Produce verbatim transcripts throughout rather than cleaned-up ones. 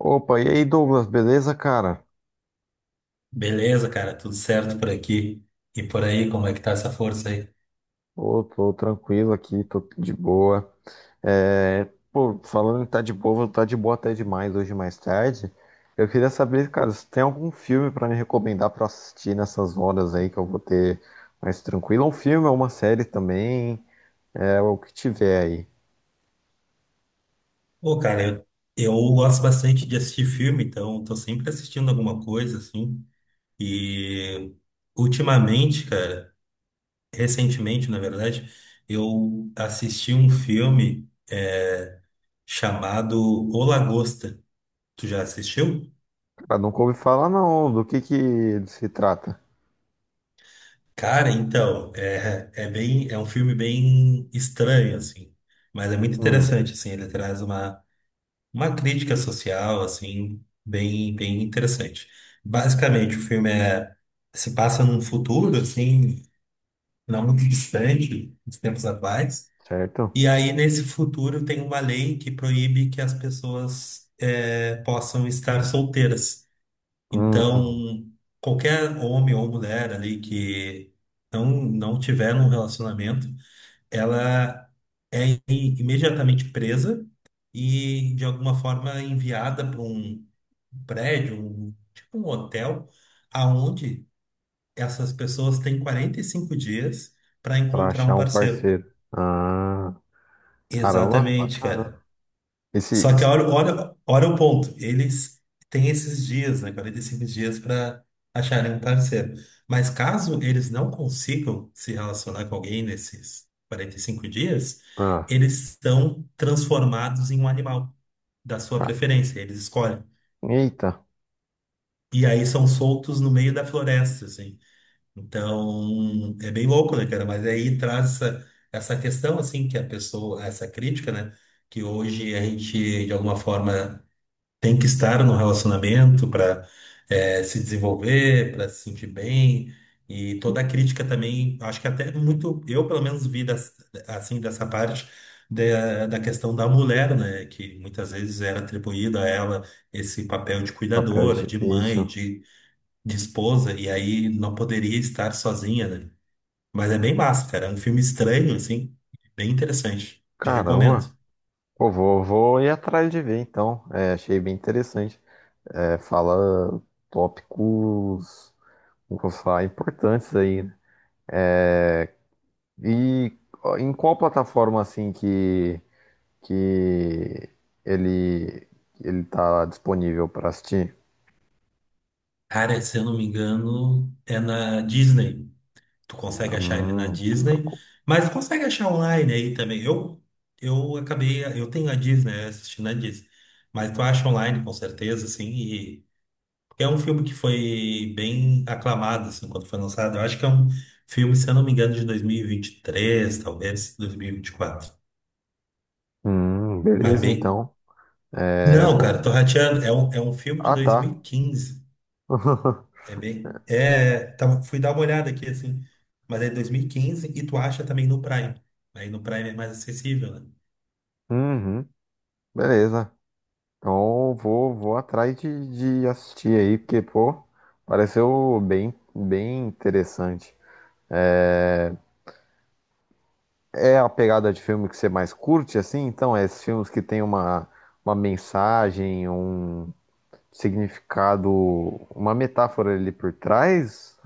Opa, e aí, Douglas, beleza, cara? Beleza, cara, tudo certo por aqui. E por aí, como é que tá essa força aí? Ô, tô tranquilo aqui, tô de boa. É, pô, falando em tá de boa, vou tá de boa até demais hoje mais tarde. Eu queria saber, cara, se tem algum filme pra me recomendar pra assistir nessas horas aí que eu vou ter mais tranquilo. Um filme ou uma série também, é o que tiver aí. Pô, cara, eu, eu gosto bastante de assistir filme, então tô sempre assistindo alguma coisa, assim. E ultimamente, cara, recentemente, na verdade, eu assisti um filme é, chamado O Lagosta. Tu já assistiu? Cara, nunca ouvi falar não, do que que se trata. Cara, então, é, é bem, é um filme bem estranho, assim, mas é muito Hum, interessante, assim, ele traz uma uma crítica social, assim, bem, bem interessante. Basicamente, o filme é, se passa num futuro, assim, não muito distante dos tempos atuais. certo? E aí, nesse futuro, tem uma lei que proíbe que as pessoas eh, possam estar solteiras. Hum, Então, qualquer homem ou mulher ali que não, não tiver um relacionamento, ela é i- imediatamente presa e, de alguma forma, enviada para um prédio, um- tipo um hotel, aonde essas pessoas têm quarenta e cinco dias para pra encontrar um achar um parceiro. parceiro. Ah, caramba, Exatamente, bacana. cara. Só que Esse, olha, olha, olha o ponto. Eles têm esses dias, né? Quarenta e cinco dias para acharem um parceiro. Mas caso eles não consigam se relacionar com alguém nesses quarenta e cinco dias, Ah, eles estão transformados em um animal da sua ca- preferência. Eles escolhem. eita, E aí são soltos no meio da floresta, assim. Então, é bem louco, né, cara? Mas aí traz essa, essa questão, assim, que a pessoa, essa crítica, né? Que hoje a gente, de alguma forma, tem que estar no relacionamento para se desenvolver, para se sentir bem. E toda a crítica também, acho que até muito, eu pelo menos vi das- assim dessa parte da, da questão da mulher, né? Que muitas vezes era atribuído a ela esse papel de papel cuidadora, de. de É mãe, isso. de, de esposa, e aí não poderia estar sozinha, né? Mas é bem massa, cara. É um filme estranho, assim, bem interessante. Te recomendo. Caramba. Pô, vou, vou ir atrás de ver então. É, achei bem interessante. É, fala tópicos, como que eu vou falar, importantes aí, né? É, e ó, em qual plataforma assim que, que ele, ele tá disponível para assistir? Cara, se eu não me engano, é na Disney. Tu consegue achar ele na Hum, Disney, mas consegue achar online aí também. Eu, eu acabei, eu tenho a Disney, eu assisti na Disney, mas tu acha online com certeza, assim, e é um filme que foi bem aclamado, assim, quando foi lançado. Eu acho que é um filme, se eu não me engano, de dois mil e e vinte e três talvez dois mil e e vinte e quatro. hum, Mas beleza bem. então. É, Não, vou... cara, tô rateando. É um, é um filme de Ah, dois mil tá. e quinze. É bem. É, tava, fui dar uma olhada aqui, assim. Mas é dois mil e quinze e quinze e tu acha também no Prime. Aí no Prime é mais acessível, né? Uhum, beleza. Então vou, vou atrás de, de assistir aí, porque, pô, pareceu bem, bem interessante. É, é a pegada de filme que você mais curte, assim? Então, é esses filmes que tem uma, uma mensagem, um significado, uma metáfora ali por trás?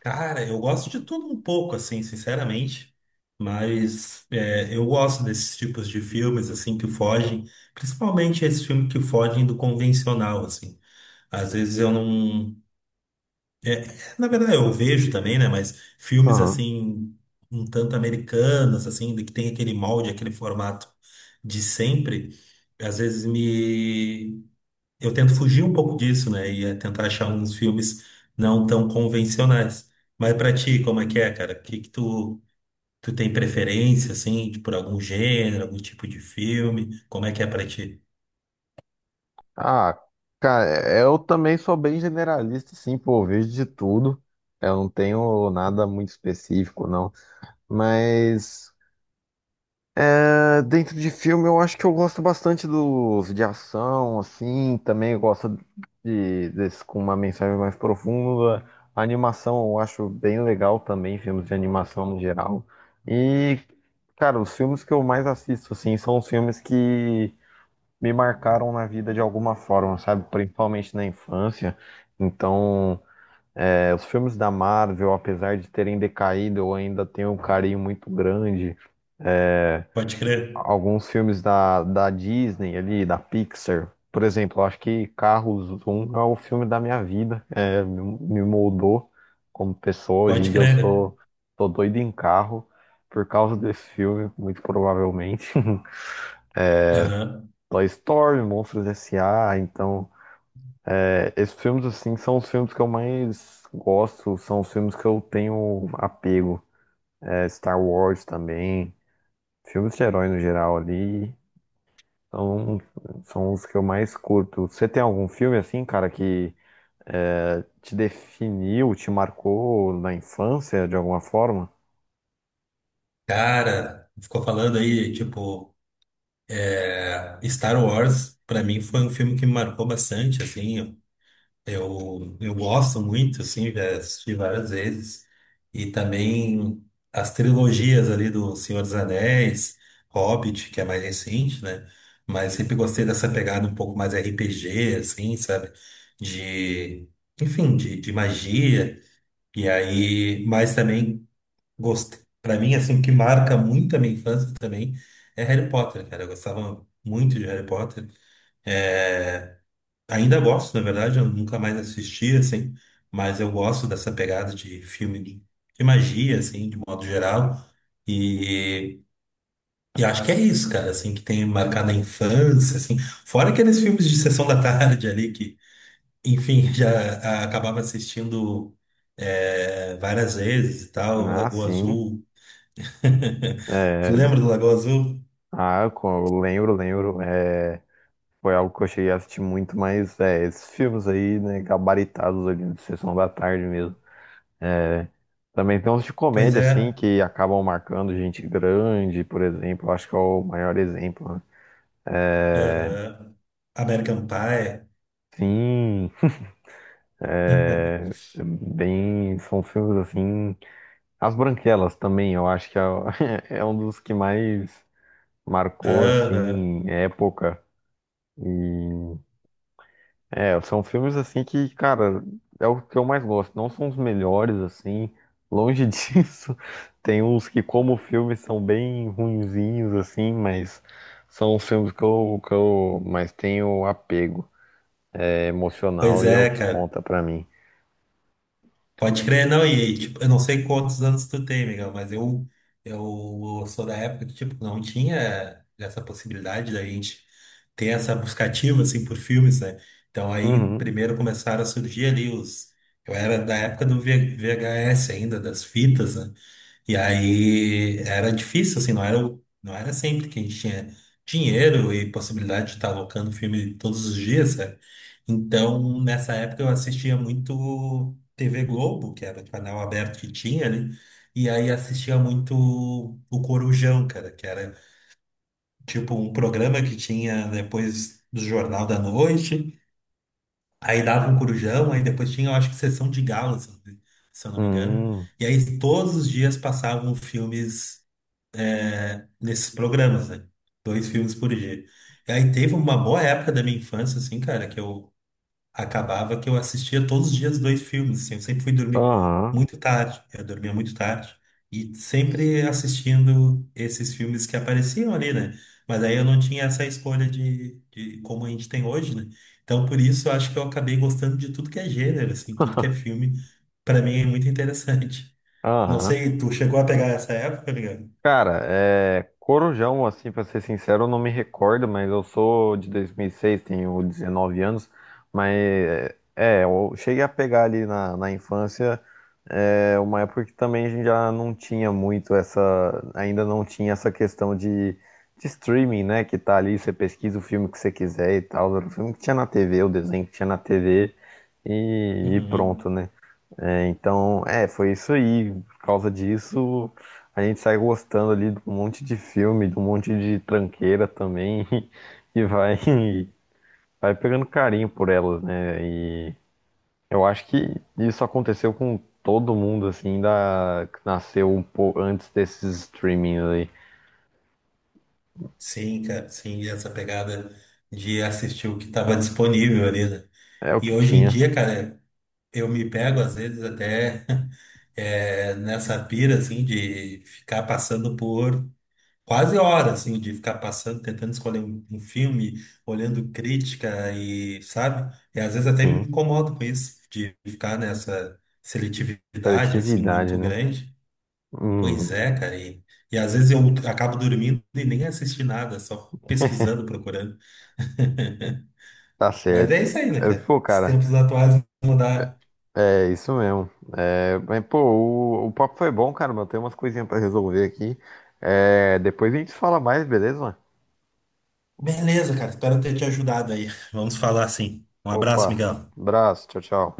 Cara, eu gosto de tudo um pouco, assim, sinceramente. Mas é, eu gosto desses tipos de filmes, assim, que fogem. Principalmente esses filmes que fogem do convencional, assim. Às vezes eu não. É, na verdade, eu vejo também, né? Mas filmes Aham. assim, um tanto americanos, assim, que tem aquele molde, aquele formato de sempre, às vezes me. Eu tento fugir um pouco disso, né? E é tentar achar uns filmes não tão convencionais. Mas pra ti, como é que é, cara? O que que tu, tu tem preferência, assim, de- por algum gênero, algum tipo de filme? Como é que é pra ti? Ah, cara, eu também sou bem generalista, assim, pô, eu vejo de tudo. Eu não tenho nada muito específico, não. Mas. É, dentro de filme, eu acho que eu gosto bastante dos de ação, assim, também eu gosto de, desses com uma mensagem mais profunda. A animação eu acho bem legal também, filmes de animação no geral. E, cara, os filmes que eu mais assisto, assim, são os filmes que me marcaram na vida de alguma forma, sabe? Principalmente na infância. Então, é, os filmes da Marvel, apesar de terem decaído, eu ainda tenho um carinho muito grande. É, Pode crer, alguns filmes da, da Disney ali, da Pixar. Por exemplo, eu acho que Carros um é o filme da minha vida. É, me, me moldou como pessoa. Hoje em pode dia eu crer. sou, tô doido em carro por causa desse filme, muito provavelmente. Aham. Toy Story, Monstros S A. Então, é, esses filmes assim são os filmes que eu mais gosto, são os filmes que eu tenho apego. É, Star Wars também, filmes de herói no geral ali. Então, são os que eu mais curto. Você tem algum filme assim, cara, que é, te definiu, te marcou na infância de alguma forma? Cara, ficou falando aí, tipo. É, Star Wars, para mim, foi um filme que me marcou bastante, assim, eu, eu gosto muito, assim, já assisti várias vezes, e também as trilogias ali do Senhor dos Anéis, Hobbit, que é mais recente, né, mas sempre gostei dessa pegada um pouco mais R P G, assim, sabe, de, enfim, de, de magia, e aí, mas também gosto. Para mim, assim, o que marca muito a minha infância também é Harry Potter, cara. Eu gostava muito de Harry Potter. É, ainda gosto, na verdade, eu nunca mais assisti, assim, mas eu gosto dessa pegada de filme de de magia, assim, de modo geral. E, e acho que é isso, cara, assim, que tem marcado a infância, assim. Fora aqueles filmes de sessão da tarde ali que, enfim, já ah, acabava assistindo é, várias vezes e tal, Ah, Lagoa sim. Azul. Tu É, lembra do Lagoa Azul? ah, co- eu lembro, lembro. É, foi algo que eu cheguei a assistir muito, mas é, esses filmes aí, né, gabaritados ali de Sessão da Tarde mesmo. É, também tem uns de Pois comédia, assim, é. que acabam marcando gente grande, por exemplo. Eu acho que é o maior exemplo, né? É, Aham. American Pie. sim. É, bem, são filmes assim. As Branquelas também, eu acho que é, o- é um dos que mais marcou Aham. assim época. E é, são filmes assim que, cara, é o que eu mais gosto. Não são os melhores assim, longe disso. Tem uns que, como filmes, são bem ruinzinhos assim, mas são os filmes que eu, que eu mais tenho apego é emocional Pois e é o é, que cara. conta pra mim. Pode crer, não. E, tipo, eu não sei quantos anos tu tem, Miguel, mas eu, eu sou da época que, tipo, não tinha essa possibilidade da gente ter essa buscativa, assim, por filmes, né? Então, aí, Uhum. primeiro começaram a surgir ali os... Eu era da época do V- VHS ainda, das fitas, né? E aí era difícil, assim, não era, o- não era sempre que a gente tinha dinheiro e possibilidade de estar alocando filme todos os dias, sabe? Então, nessa época eu assistia muito T V Globo, que era o canal aberto que tinha ali, e aí assistia muito o Corujão, cara, que era tipo um programa que tinha depois do Jornal da Noite, aí dava um Corujão, aí depois tinha, eu acho que Sessão de Gala, se eu não me engano. Uhum. E aí todos os dias passavam filmes nesses programas, né? Dois filmes por dia. E aí teve uma boa época da minha infância, assim, cara, que eu acabava que eu assistia todos os dias dois filmes, assim, eu sempre fui dormir Aham. muito tarde, eu dormia muito tarde, e sempre assistindo esses filmes que apareciam ali, né? Mas aí eu não tinha essa escolha de, de como a gente tem hoje, né? Então, por isso, eu acho que eu acabei gostando de tudo que é gênero, assim, tudo que é filme, pra mim é muito interessante. Não Aham. sei, tu chegou a pegar essa época, Miguel? Cara, é, Corujão, assim, pra ser sincero, eu não me recordo, mas eu sou de dois mil e seis, tenho dezenove anos, mas é, é, eu cheguei a pegar ali na, na infância é, uma época que também a gente já não tinha muito essa, ainda não tinha essa questão de, de streaming, né, que tá ali, você pesquisa o filme que você quiser e tal, era o filme que tinha na T V, o desenho que tinha na T V e, e Uhum. pronto, né? É, então, é, foi isso aí. Por causa disso, a gente sai gostando ali de um monte de filme, de um monte de tranqueira também, e vai, vai pegando carinho por elas, né? E eu acho que isso aconteceu com todo mundo, assim, da, que nasceu um pouco antes desses streamings aí. Sim, cara, sim, essa pegada de assistir o que estava disponível ali, né? É o E que hoje em tinha, dia, cara, eu me pego às vezes até eh, nessa pira, assim, de ficar passando por quase hora, assim, de ficar passando, tentando escolher um, um filme, olhando crítica e, sabe? E às vezes até me sim. incomodo com isso, de ficar nessa seletividade, assim, Seletividade, muito né? grande. Pois Hum, é, cara. E, e às vezes eu acabo dormindo e nem assisti nada, só pesquisando, procurando. tá Mas certo. é isso aí, né, Eu- cara? Pô, Os cara, tempos atuais mudaram. é isso mesmo. É, mas, pô, o, o papo foi bom, cara, mas eu tenho umas coisinhas pra resolver aqui. É, depois a gente fala mais, beleza? Beleza, cara. Espero ter te ajudado aí. Vamos falar assim. Um abraço, Opa, Miguel. abraço, tchau, tchau.